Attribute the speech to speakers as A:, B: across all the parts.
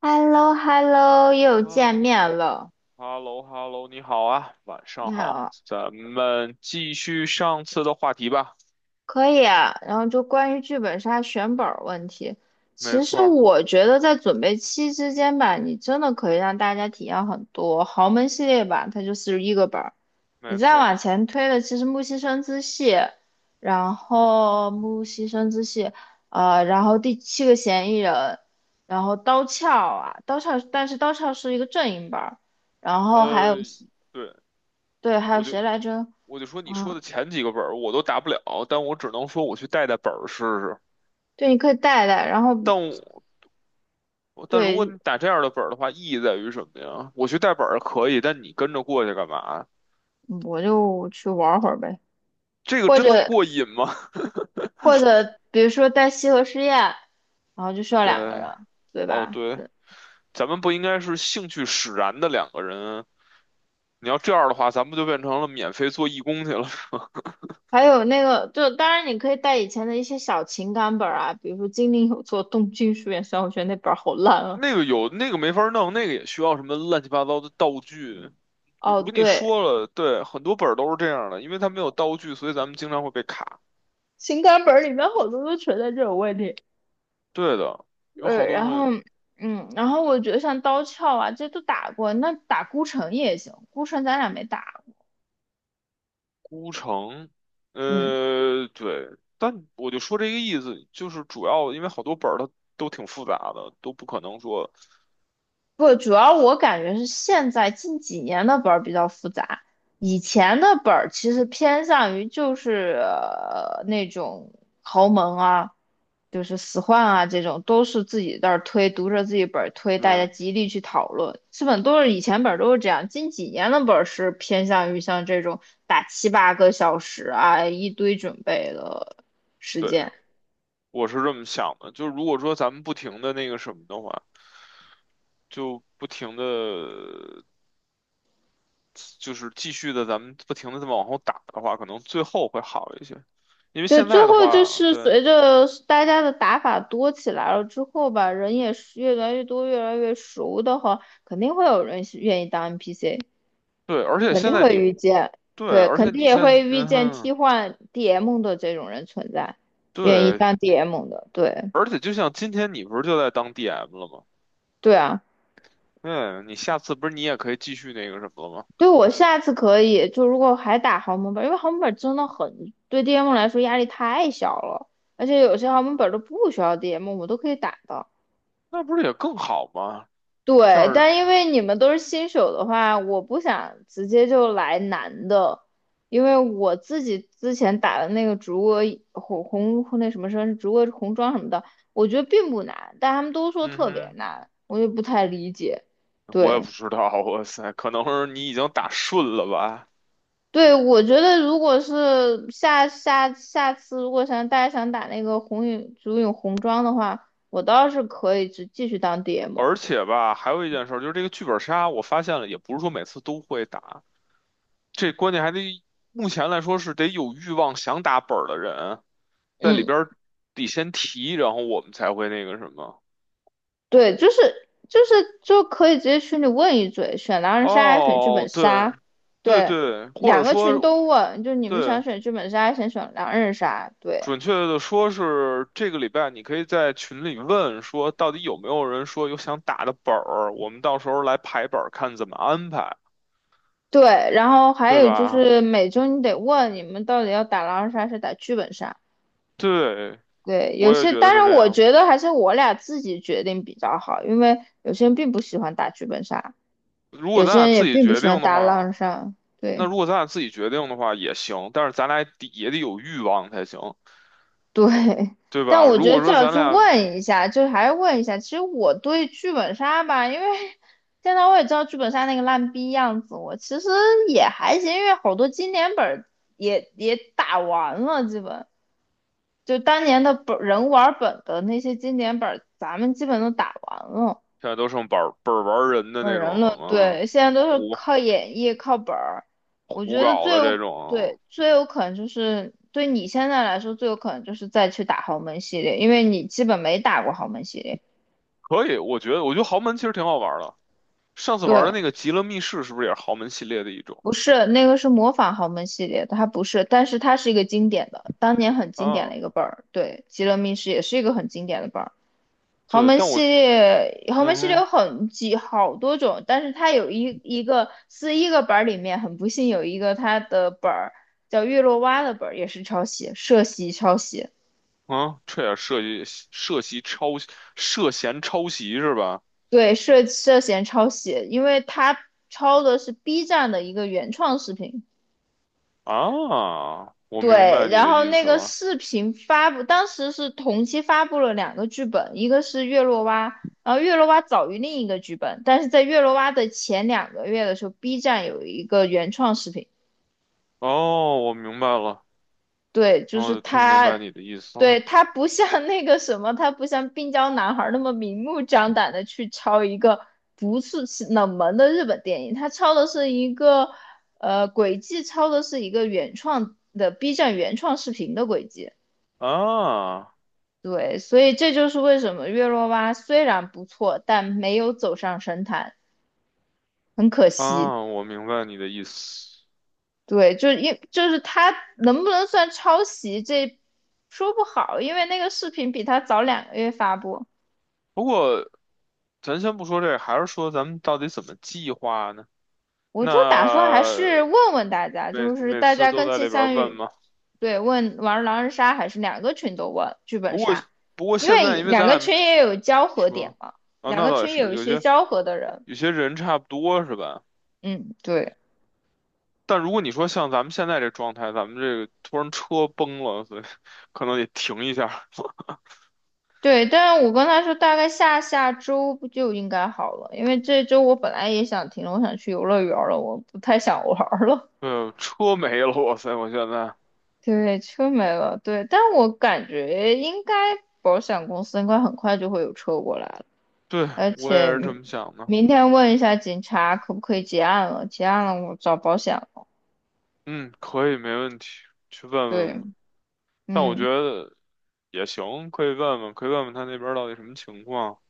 A: h e l l o h e l l o 又见
B: 啊
A: 面了。
B: 哈喽哈喽，你好啊，晚上
A: 你
B: 好，
A: 好，
B: 咱们继续上次的话题吧。
A: 可以啊。然后就关于剧本杀选本儿问题，
B: 没
A: 其实
B: 错儿，
A: 我觉得在准备期之间吧，你真的可以让大家体验很多。豪门系列吧，它就四十一个本儿。你
B: 没
A: 再
B: 错儿。
A: 往前推的，其实木西生之系，然后第七个嫌疑人，然后刀鞘啊，刀鞘，但是刀鞘是一个阵营本儿，然后还有。
B: 呃，对，
A: 对，还有
B: 我就
A: 谁来着？
B: 我就说你说
A: 嗯，
B: 的前几个本儿我都打不了，但我只能说我去带带本儿试试。
A: 对，你可以带带，然后
B: 但但如果你
A: 对，
B: 打这样的本儿的话，意义在于什么呀？我去带本儿可以，但你跟着过去干嘛？
A: 嗯我就去玩会儿呗，
B: 这个
A: 或
B: 真的
A: 者
B: 过瘾吗？
A: 或者比如说带西河实验，然后就需 要两个
B: 对，
A: 人，对
B: 哦
A: 吧？
B: 对。
A: 对，
B: 咱们不应该是兴趣使然的两个人。你要这样的话，咱们就变成了免费做义工去了。
A: 还有那个，就当然你可以带以前的一些小情感本儿啊，比如说《金陵有座东京书院》，虽然我觉得那本儿好烂啊。
B: 那个有，那个没法弄，那个也需要什么乱七八糟的道具。
A: 哦，
B: 我跟你
A: 对，
B: 说了，对，很多本儿都是这样的，因为它没有道具，所以咱们经常会被卡。
A: 情感本儿里面好多都存在这种问题。
B: 对的，有
A: 呃，
B: 好多
A: 然
B: 东
A: 后
B: 西，
A: 然后我觉得像刀鞘啊，这都打过，那打孤城也行，孤城咱俩没打，
B: 孤城，
A: 嗯。
B: 呃，对，但我就说这个意思，就是主要因为好多本儿它都挺复杂的，都不可能说，
A: 不，主要我感觉是现在近几年的本儿比较复杂，以前的本儿其实偏向于就是、那种豪门啊，就是死换啊这种，都是自己在那儿推，读着自己本儿推，大家
B: 嗯，
A: 极力去讨论。基本都是以前本儿都是这样，近几年的本儿是偏向于像这种打7、8个小时啊，一堆准备的时
B: 对。
A: 间。
B: 我是这么想的，就如果说咱们不停的那个什么的话，就不停的，就是继续的，咱们不停的再往后打的话，可能最后会好一些。因为
A: 对，
B: 现
A: 最
B: 在的
A: 后就
B: 话，
A: 是
B: 对
A: 随着大家的打法多起来了之后吧，人也是越来越多、越来越熟的话，肯定会有人是愿意当 NPC，
B: 对，而且
A: 肯
B: 现
A: 定
B: 在
A: 会
B: 你
A: 遇见，
B: 对，
A: 对，
B: 而
A: 肯
B: 且
A: 定
B: 你
A: 也会
B: 现
A: 遇
B: 嗯
A: 见
B: 哼，
A: 替换 DM 的这种人存在，愿意
B: 对，
A: 当 DM 的，对，
B: 而且就像今天你不是就在当 DM 了吗？
A: 对啊，
B: 对，你下次不是你也可以继续那个什么了吗？
A: 对我下次可以，就如果还打豪门本，因为豪门本真的很，对 DM 来说压力太小了，而且有些豪门本都不需要 DM，我都可以打的。
B: 那不是也更好吗？这
A: 对，
B: 样，
A: 但因为你们都是新手的话，我不想直接就来难的，因为我自己之前打的那个竹鹅红那什么什么竹鹅红装什么的，我觉得并不难，但他们都说
B: 嗯
A: 特别
B: 哼，
A: 难，我也不太理解。
B: 我也不
A: 对，
B: 知道，哇塞，可能是你已经打顺了吧。
A: 对，我觉得如果是下下下次如果想大家想打那个红影竹影红装的话，我倒是可以只继续当 DM。
B: 而且吧，还有一件事儿，就是这个剧本杀，我发现了，也不是说每次都会打，这关键还得目前来说是得有欲望想打本儿的人在里
A: 嗯。
B: 边儿得先提，然后我们才会那个什么。
A: 对，就可以直接群里问一嘴，选狼人杀还是选剧本
B: 哦，对，
A: 杀？
B: 对
A: 对，
B: 对，或
A: 两
B: 者
A: 个群
B: 说
A: 都问，就你们
B: 对，
A: 想选剧本杀还是想选狼人杀？对
B: 准确的说是这个礼拜你可以在群里问说，到底有没有人说有想打的本儿，我们到时候来排本儿看怎么安排，
A: 对，然后还
B: 对
A: 有就
B: 吧？
A: 是每周你得问你们到底要打狼人杀还是打剧本杀？
B: 对，
A: 对，有
B: 我也
A: 些
B: 觉得
A: 当
B: 是
A: 然
B: 这
A: 我
B: 样。
A: 觉得还是我俩自己决定比较好，因为有些人并不喜欢打剧本杀，
B: 如果
A: 有
B: 咱
A: 些
B: 俩
A: 人也
B: 自己
A: 并不
B: 决
A: 喜欢
B: 定的
A: 打狼
B: 话，
A: 人杀。
B: 那
A: 对。
B: 如果咱俩自己决定的话也行，但是咱俩得也得有欲望才行，
A: 对，
B: 对
A: 但
B: 吧？
A: 我
B: 如
A: 觉得
B: 果
A: 最
B: 说
A: 好
B: 咱
A: 去
B: 俩现
A: 问一下，就是还是问一下。其实我对剧本杀吧，因为 现在我也知道剧本杀那个烂逼样子，我其实也还行，因为好多经典本儿也打完了，基本就当年的本人物玩本的那些经典本儿咱们基本都打完了。
B: 在都剩本儿本儿玩人的
A: 本
B: 那
A: 人
B: 种了
A: 了，
B: 嘛，
A: 对，现在都是
B: 胡
A: 靠演绎、靠本儿。我
B: 胡
A: 觉得
B: 搞
A: 最
B: 的这
A: 有，对，
B: 种，
A: 最有可能就是对你现在来说，最有可能就是再去打豪门系列，因为你基本没打过豪门系列。
B: 可以，我觉得豪门其实挺好玩的。上次玩的
A: 对，
B: 那个《极乐密室》是不是也是豪门系列的一种？
A: 不是，那个是模仿豪门系列的它不是，但是它是一个经典的，当年很经典的一
B: 啊，
A: 个本儿。对，《极乐密室》也是一个很经典的本儿。豪
B: 对，
A: 门
B: 但
A: 系
B: 我
A: 列，豪门系列
B: 嗯
A: 有很几好多种，但是它有一个四十一个本儿里面，很不幸有一个它的本儿叫月落蛙的本儿也是抄袭，涉袭抄袭，
B: 哼啊，这也涉嫌抄袭是吧？
A: 对，涉嫌抄袭，因为它抄的是 B 站的一个原创视频，
B: 啊，我明
A: 对，
B: 白你
A: 然
B: 的
A: 后
B: 意
A: 那
B: 思
A: 个
B: 了。
A: 视频发布，当时是同期发布了2个剧本，一个是月落蛙，然后月落蛙早于另一个剧本，但是在月落蛙的前两个月的时候，B 站有一个原创视频，
B: 哦，我明白了，
A: 对，就
B: 那我
A: 是
B: 就听明白
A: 他，
B: 你的意思
A: 对，
B: 了。
A: 他不像那个什么，他不像病娇男孩那么明目张胆的去抄一个不是冷门的日本电影，他抄的是一个，轨迹抄的是一个原创的 B 站原创视频的轨迹。
B: 啊
A: 对，所以这就是为什么月落蛙虽然不错，但没有走上神坛，很可惜。
B: 啊，我明白你的意思。
A: 对，就是因就是他能不能算抄袭，这说不好，因为那个视频比他早两个月发布。
B: 不过咱先不说这个，还是说咱们到底怎么计划呢？
A: 我就打算还
B: 那
A: 是问问大家，
B: 每
A: 就是
B: 每
A: 大
B: 次
A: 家
B: 都
A: 更
B: 在
A: 倾
B: 里边
A: 向
B: 问
A: 于
B: 吗？
A: 对问玩狼人杀还是两个群都问剧本
B: 不过
A: 杀，
B: 不过
A: 因
B: 现在
A: 为
B: 因为
A: 两
B: 咱
A: 个
B: 俩
A: 群也有交
B: 是
A: 合点
B: 吧？
A: 嘛，
B: 啊，
A: 两
B: 那
A: 个
B: 倒也
A: 群也
B: 是，
A: 有一
B: 有
A: 些
B: 些
A: 交合的人。
B: 有些人差不多是吧？
A: 嗯，对。
B: 但如果你说像咱们现在这状态，咱们这个突然车崩了，所以 可能得停一下。
A: 对，但是我跟他说大概下下周不就应该好了，因为这周我本来也想停了，我想去游乐园了，我不太想玩儿了。
B: 呃，车没了，哇塞，我现在。
A: 对，车没了，对，但我感觉应该保险公司应该很快就会有车过来了，
B: 对，
A: 而
B: 我也
A: 且
B: 是这
A: 明
B: 么想的。
A: 明天问一下警察可不可以结案了，结案了我找保险了。
B: 嗯，可以，没问题，去问问
A: 对，
B: 吧。但我觉
A: 嗯。
B: 得也行，可以问问，可以问问他那边儿到底什么情况。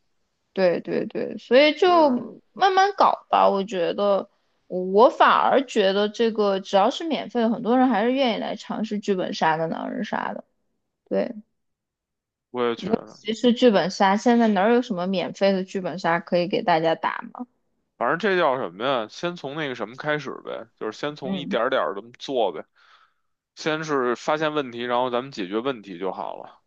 A: 对对对，所以
B: 对，
A: 就慢慢搞吧。我觉得，我反而觉得这个只要是免费的，很多人还是愿意来尝试剧本杀的、狼人杀的。对，
B: 我也觉得，
A: 其实剧本杀现在哪儿有什么免费的剧本杀可以给大家打嘛？
B: 反正这叫什么呀？先从那个什么开始呗，就是先从一
A: 嗯。
B: 点儿点儿这么做呗。先是发现问题，然后咱们解决问题就好了。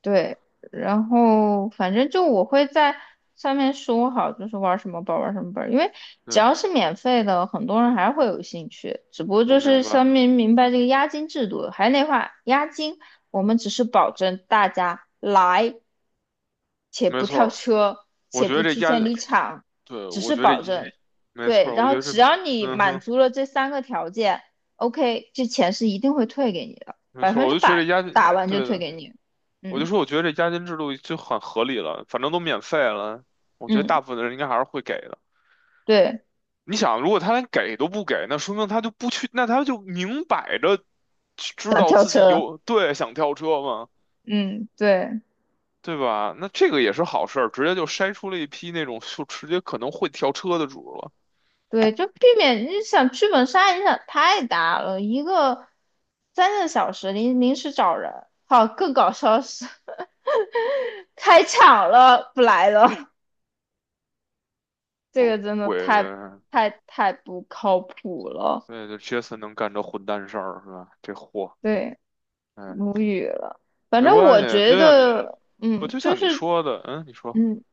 A: 对，然后反正就我会在上面说好，就是玩什么本儿玩什么本儿，因为只
B: 对，
A: 要是免费的，很多人还是会有兴趣。只不过
B: 我
A: 就是
B: 明
A: 上
B: 白，
A: 面明白这个押金制度，还是那话，押金我们只是保证大家来，且
B: 没
A: 不
B: 错
A: 跳
B: 儿
A: 车，
B: 我
A: 且
B: 觉
A: 不
B: 得这
A: 提
B: 压，
A: 前离场，
B: 对，
A: 只
B: 我
A: 是
B: 觉得这
A: 保
B: 一，
A: 证。
B: 没错
A: 对，
B: 儿我
A: 然后
B: 觉得这，
A: 只要你
B: 嗯
A: 满
B: 哼，
A: 足了这3个条件，OK，这钱是一定会退给你的，
B: 没
A: 百
B: 错儿
A: 分
B: 我
A: 之
B: 就觉
A: 百
B: 得这压，
A: 打完就
B: 对
A: 退
B: 的。
A: 给你。
B: 我就
A: 嗯。
B: 说，我觉得这押金制度就很合理了，反正都免费了，我觉得
A: 嗯，
B: 大部分的人应该还是会给的。
A: 对，
B: 你想，如果他连给都不给，那说明他就不去，那他就明摆着知
A: 想
B: 道
A: 跳
B: 自己
A: 车，
B: 有，对，想跳车嘛，
A: 嗯，对
B: 对吧？那这个也是好事儿，直接就筛出了一批那种就直接可能会跳车的主了。
A: 对，就避免你想剧本杀影响太大了，一个3个小时临时找人，好，更搞笑的是 开抢了不来了，这
B: 哦，
A: 个真的
B: 鬼
A: 太
B: 的，
A: 太太不靠谱了，
B: 所以这杰森能干这混蛋事儿是吧？这货，
A: 对，
B: 哎，
A: 无语了。反
B: 没
A: 正
B: 关
A: 我
B: 系，
A: 觉
B: 就像你，
A: 得，
B: 不
A: 嗯，
B: 就像你说的，嗯，你说
A: 嗯，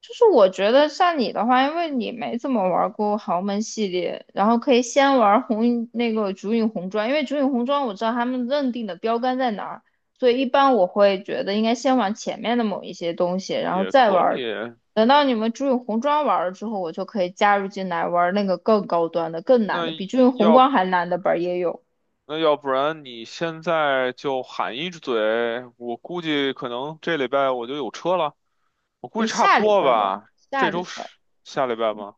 A: 就是我觉得像你的话，因为你没怎么玩过豪门系列，然后可以先玩红那个竹影红妆，因为竹影红妆我知道他们认定的标杆在哪儿，所以一般我会觉得应该先玩前面的某一些东西，然后
B: 也
A: 再
B: 可
A: 玩。
B: 以，
A: 等到你们竹影红妆玩了之后，我就可以加入进来玩那个更高端的、更难
B: 那
A: 的，比竹影红光
B: 要。
A: 还难的本儿也有。
B: 那要不然你现在就喊一嘴，我估计可能这礼拜我就有车了，我估
A: 对，
B: 计差不
A: 下礼
B: 多
A: 拜吧，
B: 吧。
A: 下
B: 这周
A: 礼拜。
B: 是下礼拜吗？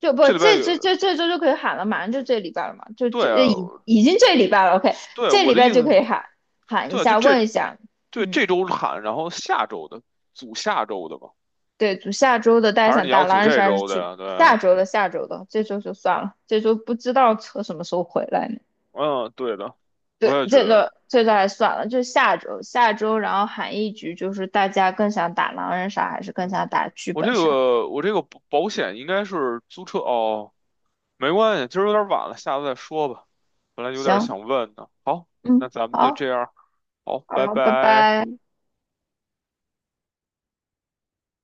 A: 就不，
B: 这礼拜
A: 这
B: 有，
A: 这这这周就可以喊了，马上就这礼拜了嘛，就这
B: 对
A: 呃
B: 啊，
A: 已已经这礼拜了，OK，
B: 对，
A: 这
B: 我
A: 礼
B: 的
A: 拜
B: 意
A: 就可
B: 思，
A: 以喊一
B: 对啊，就
A: 下，
B: 这，
A: 问一下，
B: 对，
A: 嗯，
B: 这周喊，然后下周的组下周的吧，
A: 对，就下周的大家
B: 还是
A: 想
B: 你
A: 打
B: 要组
A: 狼人
B: 这
A: 杀还是
B: 周的
A: 去
B: 呀？对
A: 下
B: 啊
A: 周的下周的，这周就算了，这周不知道车什么时候回来呢。
B: 嗯，对的，我
A: 对，
B: 也觉
A: 这
B: 得，
A: 个这个还算了，就下周下周，然后喊一局，就是大家更想打狼人杀还是更
B: 嗯，
A: 想打剧
B: 我这
A: 本杀？
B: 个我这个保险应该是租车哦。没关系，今儿有点晚了，下次再说吧。本来有点
A: 行，
B: 想问呢。好，那
A: 嗯，
B: 咱们就
A: 好，
B: 这样，好，拜
A: 好，拜
B: 拜。
A: 拜。